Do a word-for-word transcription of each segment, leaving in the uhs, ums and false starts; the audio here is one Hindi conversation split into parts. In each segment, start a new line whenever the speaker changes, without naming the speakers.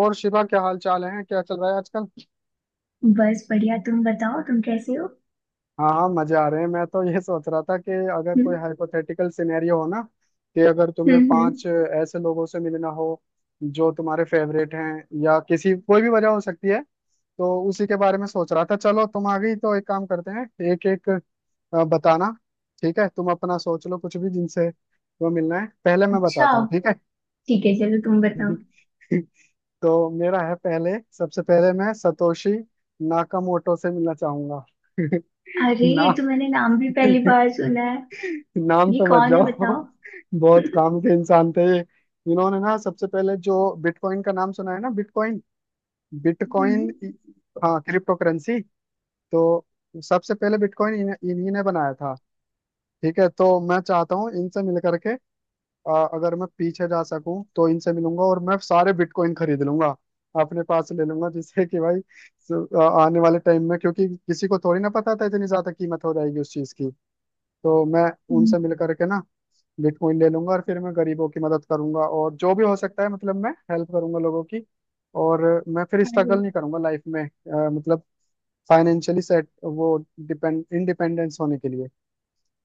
और शिवा, क्या हाल चाल है? क्या चल रहा है आजकल?
बस बढ़िया। तुम बताओ, तुम कैसे हो?
हाँ हाँ, मजे आ रहे हैं। मैं तो ये सोच रहा था कि अगर
हम्म।
कोई हाइपोथेटिकल सिनेरियो हो ना, कि अगर
हम्म,
तुम्हें
हम्म।
पांच ऐसे लोगों से मिलना हो जो तुम्हारे फेवरेट हैं या किसी कोई भी वजह हो सकती है, तो उसी के बारे में सोच रहा था। चलो तुम आ गई तो एक काम करते हैं, एक एक अ, बताना। ठीक है, तुम अपना सोच लो कुछ भी जिनसे तुम्हें मिलना है। पहले मैं
अच्छा।
बताता हूँ, ठीक
ठीक है, चलो तुम बताओ।
है। तो मेरा है पहले। सबसे पहले मैं सतोशी नाकामोटो से मिलना चाहूंगा।
अरे, ये
नाम।
तो मैंने नाम भी पहली बार सुना है।
नाम
ये
पे मत
कौन है,
जाओ।
बताओ?
बहुत
हम्म,
काम के इंसान थे ये। इन्होंने ना सबसे पहले जो बिटकॉइन का नाम सुना है ना, बिटकॉइन, बिटकॉइन। हाँ, क्रिप्टो करेंसी। तो सबसे पहले बिटकॉइन इन्हीं इन्हीं ने बनाया था। ठीक है, तो मैं चाहता हूँ इनसे मिल करके, आ, अगर मैं पीछे जा सकूं तो इनसे मिलूंगा और मैं सारे बिटकॉइन खरीद लूंगा, अपने पास ले लूंगा। जिससे कि भाई स- आ, आने वाले टाइम में, क्योंकि किसी को थोड़ी ना पता था इतनी ज्यादा कीमत हो जाएगी उस चीज की। तो मैं
हम्म।
उनसे मिल करके ना बिटकॉइन ले लूंगा और फिर मैं गरीबों की मदद करूंगा और जो भी हो सकता है, मतलब मैं हेल्प करूंगा लोगों की। और मैं फिर
अरे।
स्ट्रगल नहीं करूंगा लाइफ में, आ, मतलब फाइनेंशियली सेट, वो डिपेंड इंडिपेंडेंस होने के लिए।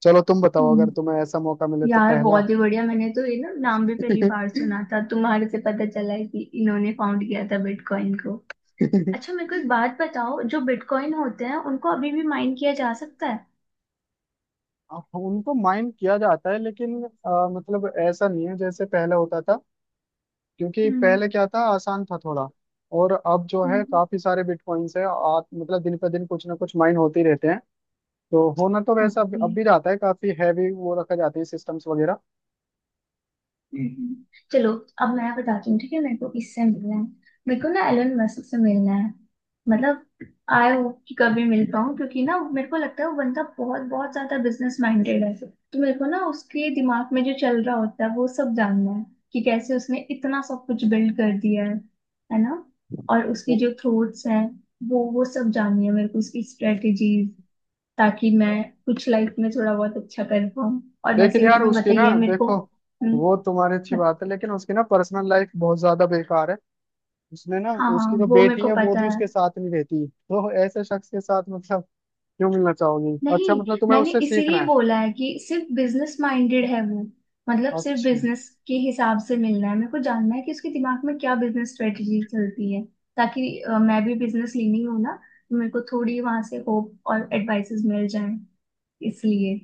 चलो तुम बताओ, अगर
हम्म,
तुम्हें ऐसा मौका मिले तो
यार
पहला।
बहुत ही बढ़िया। मैंने तो ये ना नाम भी पहली बार सुना था, तुम्हारे से पता चला है कि इन्होंने फाउंड किया था बिटकॉइन को। अच्छा, मेरे को एक बात बताओ, जो बिटकॉइन होते हैं उनको अभी भी माइन किया जा सकता है?
हाँ, उनको माइंड किया जाता है, लेकिन आ, मतलब ऐसा नहीं है जैसे पहले होता था। क्योंकि
हम्म।
पहले क्या था, आसान था थोड़ा। और अब जो है,
हम्म।
काफी सारे बिटकॉइंस है, आ, मतलब दिन पर दिन कुछ ना कुछ माइन होते ही रहते हैं। तो होना तो वैसा अब
ओके।
अब भी जाता है, काफी हैवी वो रखा जाती है सिस्टम्स वगैरह।
हम्म। चलो, अब मैं बताती हूँ। ठीक है, मेरे को किससे मिलना है? मेरे को ना एलन मस्क से मिलना है। मतलब आई होप कि कभी मिल पाऊँ, क्योंकि ना मेरे को लगता है वो बंदा बहुत बहुत ज्यादा बिजनेस माइंडेड है। तो मेरे को ना उसके दिमाग में जो चल रहा होता है वो सब जानना है कि कैसे उसने इतना सब कुछ बिल्ड कर दिया है है ना। और उसकी
वो-
जो थ्रोट्स हैं, वो वो सब जाननी है मेरे को, उसकी स्ट्रेटेजीज, ताकि मैं कुछ लाइफ में थोड़ा बहुत अच्छा कर पाऊँ। और
लेकिन
वैसे भी
यार
तुम्हें
उसकी
पता ही
ना
है मेरे को।
देखो,
हम्म।
वो तुम्हारी अच्छी बात है, लेकिन उसकी ना पर्सनल लाइफ बहुत ज्यादा बेकार है। उसने ना,
हाँ,
उसकी जो
वो मेरे
बेटी
को
है वो
पता
भी
है।
उसके साथ नहीं रहती। तो ऐसे शख्स के साथ मतलब क्यों मिलना चाहोगी?
नहीं,
अच्छा, मतलब तुम्हें
मैंने
उससे
इसीलिए
सीखना है।
बोला है कि सिर्फ बिजनेस माइंडेड है वो। मतलब सिर्फ
अच्छा।
बिजनेस के हिसाब से मिलना है मेरे को, जानना है कि उसके दिमाग में क्या बिजनेस स्ट्रेटजी चलती है। ताकि अ, मैं भी बिजनेस लेनी हूँ ना, तो मेरे को थोड़ी वहां से होप और एडवाइसेस मिल जाएं, इसलिए।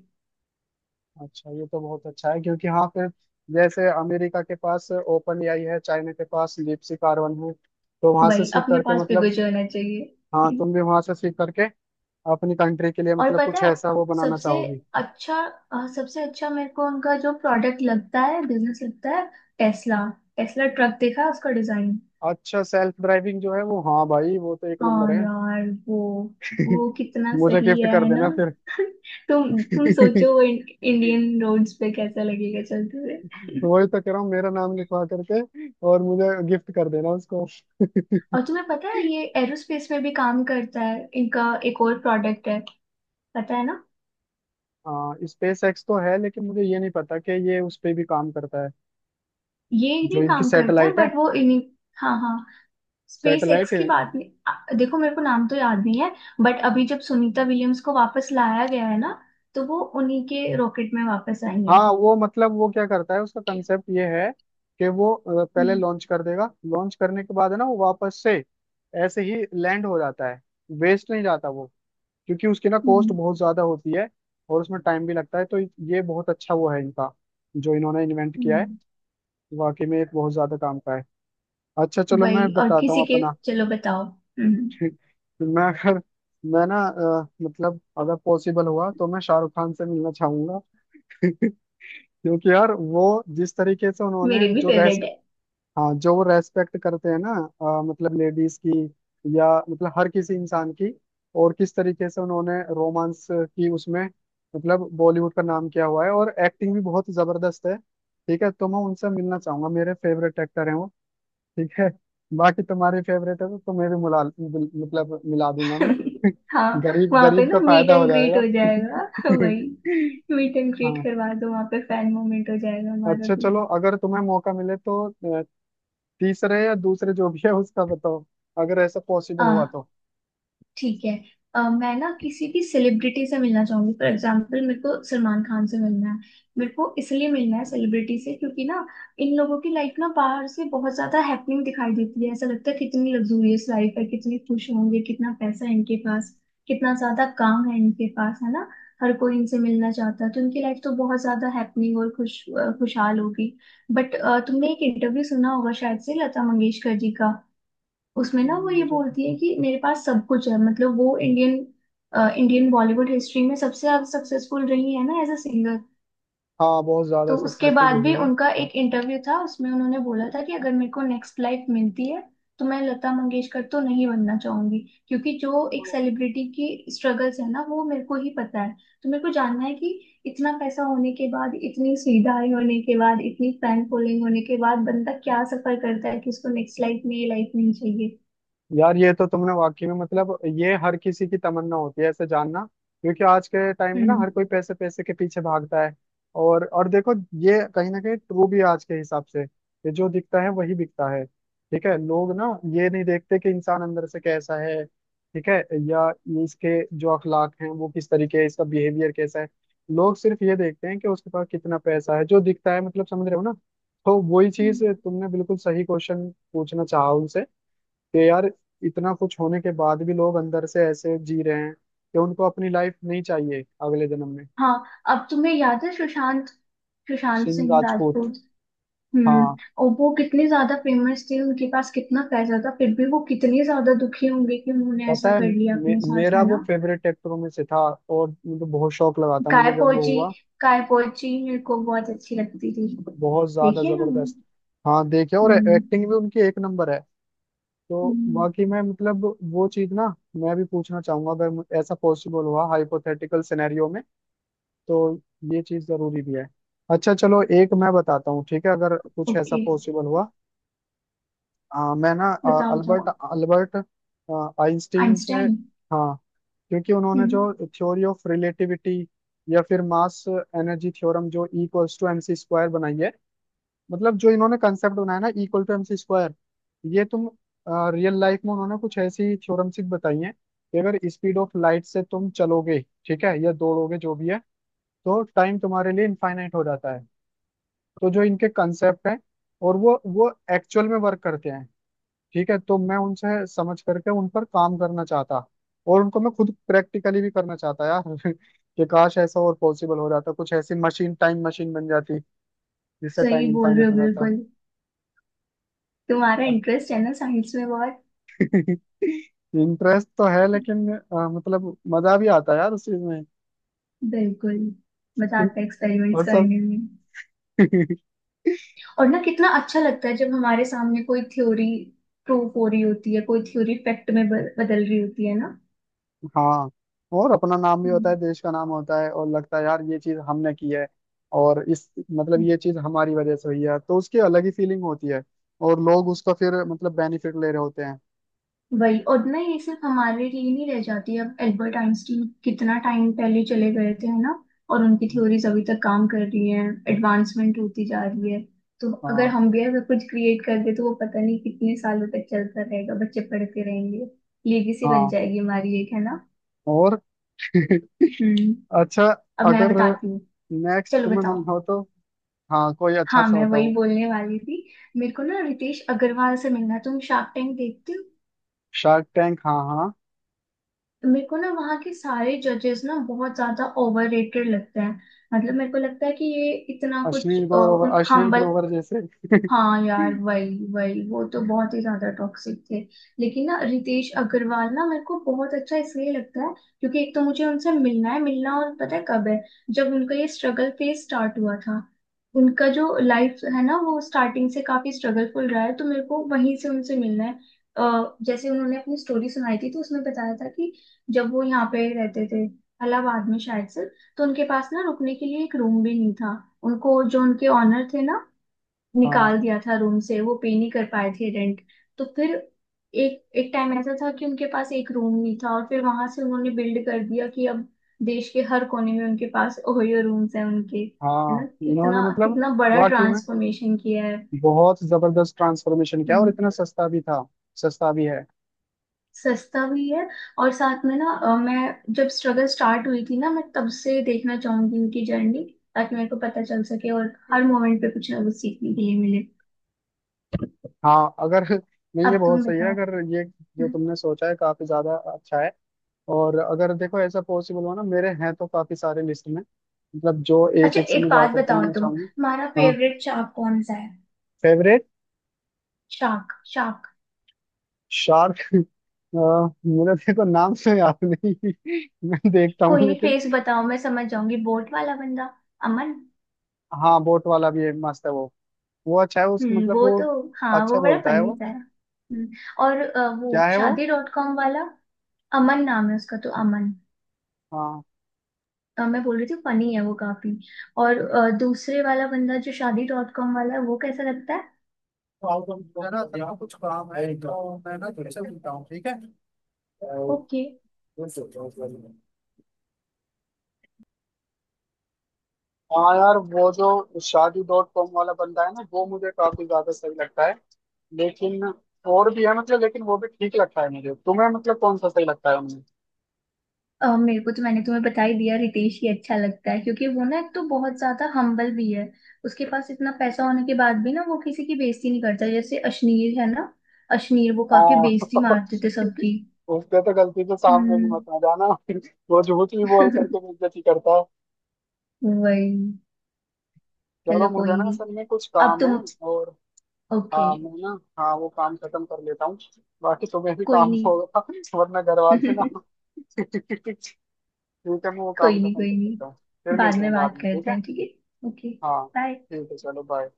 अच्छा ये तो बहुत अच्छा है, क्योंकि हाँ फिर जैसे अमेरिका के पास ओपन एआई है, चाइना के पास डीपसी कार्बन है, तो वहां से
वही
सीख
अपने
करके
पास
मतलब।
बिगुज होना
हाँ,
चाहिए।
तुम भी वहां से सीख करके अपनी कंट्री के लिए
और
मतलब
पता
कुछ
है,
ऐसा वो बनाना
सबसे
चाहोगी।
अच्छा, अ, सबसे अच्छा मेरे को उनका जो प्रोडक्ट लगता है, बिजनेस लगता है, टेस्ला। टेस्ला ट्रक देखा है उसका डिजाइन?
अच्छा, सेल्फ ड्राइविंग जो है वो, हाँ भाई वो तो एक नंबर
हाँ
है।
यार वो वो कितना
मुझे
सही
गिफ्ट कर
है ना।
देना फिर।
तुम तुम सोचो, वो इं, इंडियन रोड्स पे कैसा लगेगा चलते हुए।
वही तो कह रहा हूँ, मेरा नाम लिखवा करके और मुझे गिफ्ट कर देना उसको।
और तुम्हें पता है ये एरोस्पेस में भी काम करता है, इनका एक और प्रोडक्ट है, पता है ना?
हाँ, स्पेस एक्स तो है, लेकिन मुझे ये नहीं पता कि ये उस पे भी काम करता है।
ये नहीं
जो इनकी
काम करता है,
सैटेलाइट है,
बट वो इन्हीं। हाँ हाँ। स्पेस
सैटेलाइट
एक्स
है।
की बात नहीं, आ, देखो मेरे को नाम तो याद नहीं है, बट अभी जब सुनीता विलियम्स को वापस लाया गया है ना, तो वो उन्हीं के रॉकेट में वापस आई है।
हाँ वो, मतलब वो क्या करता है, उसका कंसेप्ट ये है कि वो अ, पहले
हम्म।
लॉन्च कर देगा, लॉन्च करने के बाद है ना, वो वापस से ऐसे ही लैंड हो जाता है, वेस्ट नहीं जाता वो। क्योंकि उसकी ना कॉस्ट
हम्म।
बहुत ज्यादा होती है और उसमें टाइम भी लगता है। तो ये बहुत अच्छा वो है इनका, जो इन्होंने इन्वेंट किया है।
हम्म।
वाकई में एक बहुत ज्यादा काम का है। अच्छा चलो
वही,
मैं
और
बताता हूँ
किसी के,
अपना।
चलो बताओ। हम्म।
ठीक। तो मैं अगर, मैं ना अ, मतलब अगर पॉसिबल हुआ तो मैं शाहरुख खान से मिलना चाहूंगा। क्योंकि यार वो जिस तरीके से उन्होंने,
मेरे भी
जो रेस,
फेवरेट है।
हाँ जो वो रेस्पेक्ट करते हैं ना, अ, मतलब लेडीज की, या मतलब हर किसी इंसान की। और किस तरीके से उन्होंने रोमांस की उसमें, मतलब बॉलीवुड का नाम किया हुआ है और एक्टिंग भी बहुत जबरदस्त है। ठीक है तो मैं उनसे मिलना चाहूंगा, मेरे फेवरेट एक्टर हैं वो। ठीक है, बाकी तुम्हारी फेवरेट है तो तुम्हें भी मिला, मतलब मिला दूंगा मैं।
हाँ।
गरीब
वहां पे
गरीब का
ना मीट
फायदा हो
एंड ग्रीट हो
जाएगा।
जाएगा। वही, मीट एंड ग्रीट
हाँ।
करवा दो वहां पे, फैन मोमेंट हो जाएगा हमारा
अच्छा
भी।
चलो, अगर तुम्हें मौका मिले तो अ, तीसरे या दूसरे जो भी है उसका बताओ, अगर ऐसा पॉसिबल
हाँ,
हुआ तो।
ठीक है। अ, मैं ना किसी भी सेलिब्रिटी से मिलना चाहूंगी। फॉर एग्जाम्पल मेरे को सलमान खान से मिलना है। मेरे को इसलिए मिलना है सेलिब्रिटी से क्योंकि ना इन लोगों की लाइफ ना बाहर से बहुत ज्यादा हैपनिंग दिखाई देती है। ऐसा लगता है कितनी लग्जूरियस लाइफ है, कितने खुश होंगे, कितना पैसा है इनके पास, कितना ज्यादा काम है इनके पास, है ना। हर कोई इनसे मिलना चाहता है, तो इनकी लाइफ तो बहुत ज्यादा हैपनिंग और खुश अ, खुशहाल होगी। बट तुमने एक इंटरव्यू सुना होगा शायद से, लता मंगेशकर जी का। उसमें ना वो ये
मुझे,
बोलती है कि मेरे पास सब कुछ है। मतलब वो इंडियन इंडियन बॉलीवुड हिस्ट्री में सबसे ज्यादा सक्सेसफुल रही है ना एज अ सिंगर।
हाँ, बहुत ज्यादा
तो उसके
सक्सेसफुल
बाद
रही
भी
हूँ।
उनका एक इंटरव्यू था, उसमें उन्होंने बोला था कि अगर मेरे को नेक्स्ट लाइफ मिलती है, तो मैं लता मंगेशकर तो नहीं बनना चाहूंगी। क्योंकि जो एक सेलिब्रिटी की स्ट्रगल्स है ना, वो मेरे को ही पता है। तो मेरे को जानना है कि इतना पैसा होने के बाद, इतनी सुविधाएं होने के बाद, इतनी फैन फॉलोइंग होने के बाद बंदा क्या सफर करता है कि उसको नेक्स्ट लाइफ में ये लाइफ नहीं चाहिए।
यार ये तो तुमने वाकई में मतलब, ये हर किसी की तमन्ना होती है ऐसे जानना। क्योंकि आज के टाइम में ना
हम्म।
हर कोई पैसे पैसे के पीछे भागता है। और और देखो, ये कहीं ना कहीं ट्रू भी है आज के हिसाब से, कि जो दिखता है वही बिकता है। ठीक है, लोग ना ये नहीं देखते कि इंसान अंदर से कैसा है। ठीक है, या ये इसके जो अखलाक हैं वो किस तरीके है, इसका बिहेवियर कैसा है। लोग सिर्फ ये देखते हैं कि उसके पास कितना पैसा है, जो दिखता है, मतलब समझ रहे हो ना। तो वही चीज
हम्म,
तुमने बिल्कुल सही क्वेश्चन पूछना चाहा उनसे, कि यार इतना कुछ होने के बाद भी लोग अंदर से ऐसे जी रहे हैं कि उनको अपनी लाइफ नहीं चाहिए अगले जन्म में।
हाँ। अब तुम्हें याद है सुशांत सुशांत
सिंह
सिंह
राजपूत।
राजपूत? हम्म।
हाँ,
और वो कितने ज्यादा फेमस थे, उनके पास कितना पैसा था, फिर भी वो कितने ज्यादा दुखी होंगे कि उन्होंने
पता
ऐसा
है,
कर लिया
मे,
अपने साथ,
मेरा
है
वो
ना।
फेवरेट एक्टरों में से था। और मुझे बहुत शौक लगा था
काय
मुझे, जब वो
पोची,
हुआ।
काय पोची मेरे को बहुत अच्छी लगती थी।
बहुत ज्यादा
देखिए ना।
जबरदस्त। हाँ देखे, और
हम्म।
एक्टिंग भी उनकी एक नंबर है। तो
हम्म।
बाकी मैं मतलब, वो चीज ना मैं भी पूछना चाहूंगा, अगर मु- ऐसा पॉसिबल हुआ हाइपोथेटिकल सिनेरियो में, तो ये चीज जरूरी भी है। अच्छा चलो, एक मैं बताता हूँ, ठीक है, अगर कुछ ऐसा
ओके।
पॉसिबल हुआ। हाँ मैं ना अ,
बताओ
अल्बर्ट,
बताओ,
अल्बर्ट अ, आइंस्टीन से।
आइंस्टाइन।
हाँ, क्योंकि उन्होंने
हम्म।
जो थ्योरी ऑफ रिलेटिविटी या फिर मास एनर्जी थ्योरम, जो E equals to M C square बनाई है, मतलब जो इन्होंने कंसेप्ट बनाया ना, E equal to M C square, ये तुम रियल लाइफ में, उन्होंने कुछ ऐसी थ्योरम्स बताई हैं कि अगर स्पीड ऑफ लाइट से तुम चलोगे, ठीक है, या दौड़ोगे जो भी है, तो टाइम तुम्हारे लिए इनफाइनाइट हो जाता है। तो जो इनके कंसेप्ट हैं, और वो वो एक्चुअल में वर्क करते हैं। ठीक है, तो मैं उनसे समझ करके उन पर काम करना चाहता, और उनको मैं खुद प्रैक्टिकली भी करना चाहता यार। कि काश ऐसा और पॉसिबल हो जाता, कुछ ऐसी मशीन, टाइम मशीन बन जाती, जिससे
सही
टाइम
बोल रहे
इनफाइनाइट
हो,
हो जाता।
बिल्कुल। तुम्हारा इंटरेस्ट है ना साइंस में बहुत।
इंटरेस्ट तो है, लेकिन अ, मतलब मजा भी आता है यार उस चीज में।
बिल्कुल, मजा आता है एक्सपेरिमेंट्स
और सब।
करने में। और ना कितना अच्छा लगता है जब हमारे सामने कोई थ्योरी प्रूफ हो रही होती है, कोई थ्योरी फैक्ट में ब- बदल रही होती है ना।
हाँ, और अपना नाम भी होता है,
हम्म।
देश का नाम होता है, और लगता है यार ये चीज हमने की है। और इस, मतलब
हम्म।
ये चीज हमारी वजह से हुई है, तो उसकी अलग ही फीलिंग होती है। और लोग उसका फिर मतलब बेनिफिट ले रहे होते हैं।
वही, और ना ये सिर्फ हमारे लिए नहीं रह जाती। अब एल्बर्ट आइंस्टीन कितना टाइम पहले चले गए थे, है ना, और उनकी थ्योरीज अभी तक काम कर रही हैं, एडवांसमेंट होती जा रही है। तो अगर
हाँ।
हम भी अगर कुछ क्रिएट कर दे तो वो पता नहीं कितने सालों तक चलता रहेगा, बच्चे पढ़ते रहेंगे। लेगेसी बन
हाँ,
जाएगी हमारी एक, है ना।
और।
हम्म।
अच्छा,
अब मैं
अगर
बताती हूँ।
नेक्स्ट
चलो
तुम्हें
बताओ।
मिलना हो तो। हाँ, कोई अच्छा
हाँ,
सा
मैं वही
बताओ।
बोलने वाली थी। मेरे को ना रितेश अग्रवाल से मिलना है। तुम शार्क टैंक देखते हो?
शार्क टैंक, हाँ हाँ।
मेरे को ना वहाँ के सारे जजेस ना बहुत ज्यादा ओवर रेटेड लगते हैं। मतलब मेरे को लगता है कि ये इतना कुछ।
अश्लील ग्रोवर, अश्लील
हम्बल।
ग्रोवर जैसे।
हाँ यार, वही वही, वो तो बहुत ही ज्यादा टॉक्सिक थे। लेकिन ना रितेश अग्रवाल ना मेरे को बहुत अच्छा इसलिए लगता है क्योंकि एक तो मुझे उनसे मिलना है, मिलना, और पता है कब है? जब उनका ये स्ट्रगल फेज स्टार्ट हुआ था। उनका जो लाइफ है ना, वो स्टार्टिंग से काफी स्ट्रगलफुल रहा है, तो मेरे को वहीं से उनसे मिलना है। अ, जैसे उन्होंने अपनी स्टोरी सुनाई थी, तो उसमें बताया था कि जब वो यहाँ पे रहते थे, इलाहाबाद में शायद से, तो उनके पास ना रुकने के लिए एक रूम भी नहीं था। उनको जो उनके ऑनर थे ना, निकाल
हाँ
दिया था रूम से, वो पे नहीं कर पाए थे रेंट। तो फिर एक एक टाइम ऐसा था कि उनके पास एक रूम नहीं था, और फिर वहां से उन्होंने बिल्ड कर दिया कि अब देश के हर कोने में उनके पास ओयो रूम्स हैं उनके, है ना।
हाँ, इन्होंने
कितना
मतलब,
कितना बड़ा
वाकई में
ट्रांसफॉर्मेशन किया है।
बहुत जबरदस्त ट्रांसफॉर्मेशन किया, और
हम्म।
इतना सस्ता भी था। सस्ता भी है।
सस्ता भी है। और साथ में ना अ, मैं जब स्ट्रगल स्टार्ट हुई थी ना, मैं तब से देखना चाहूंगी उनकी जर्नी, ताकि मेरे को पता चल सके और हर मोमेंट पे कुछ ना कुछ सीखने के लिए मिले।
हाँ अगर, नहीं ये
अब तुम
बहुत सही है,
बताओ।
अगर ये जो
हम्म।
तुमने सोचा है काफी ज्यादा अच्छा है। और अगर देखो ऐसा पॉसिबल हो ना, मेरे हैं तो काफी सारे लिस्ट में, मतलब जो एक
अच्छा
एक से
एक
मैं जा
बात
करके
बताओ
लेना
तुम, तुम्हारा
चाहूंगा, हाँ।
फेवरेट शार्क कौन सा है?
Favourite
shark, shark.
शार्क। मुझे देखो नाम से याद नहीं, मैं देखता हूँ
कोई नहीं,
लेकिन।
फेस बताओ, मैं समझ जाऊंगी। बोट वाला बंदा, अमन।
हाँ, बोट वाला भी है, मस्त है वो। वो अच्छा है, उस
हम्म,
मतलब
वो
वो।
तो, हाँ वो
अच्छा
बड़ा
बोलता है
फनी
वो।
सा है। हम्म, और अ,
क्या
वो
है वो।
शादी डॉट कॉम वाला। अमन नाम है उसका, तो अमन,
हाँ,
अ, मैं बोल रही थी, फनी है वो काफी। और अ, दूसरे वाला बंदा जो शादी डॉट कॉम वाला है, वो कैसा लगता है?
मेरा जरा कुछ काम है, तो मैं ना तुमसे मिलता हूँ, ठीक है।
ओके।
हाँ यार वो जो शादी डॉट कॉम वाला बंदा है ना, वो मुझे काफी ज्यादा सही लगता है, लेकिन और भी है, मतलब लेकिन वो भी ठीक लगता है मुझे। तुम्हें मतलब कौन सा सही लगता है उनमें?
अ, मेरे को तो, मैंने तुम्हें बता ही दिया, रितेश ही अच्छा लगता है, क्योंकि वो ना एक तो बहुत ज्यादा हम्बल भी है। उसके पास इतना पैसा होने के बाद भी ना वो किसी की बेइज्जती नहीं करता, जैसे अश्नीर है ना। अश्नीर वो काफी
हाँ।
बेइज्जती मारते थे सबकी।
उस पे तो गलती से सामने भी
हम्म।
मत आ जाना। वो झूठ भी बोल करके बेइज्जती करता है।
वही।
चलो
चलो कोई
मुझे ना
नहीं,
असल में कुछ
अब
काम है।
तुम।
और,
ओके।
हाँ मैं ना, हाँ वो काम खत्म कर लेता हूँ। बाकी तुम्हें भी
कोई
काम
नहीं।
होगा, वरना घर वाले ना। ठीक है, मैं वो काम
कोई नहीं,
खत्म कर
कोई
लेता हूँ। फिर
नहीं। बाद
मिलते
में
हैं बाद
बात
में, ठीक
करते
है।
हैं, ठीक है, ओके।
हाँ,
बाय।
ठीक है चलो, बाय।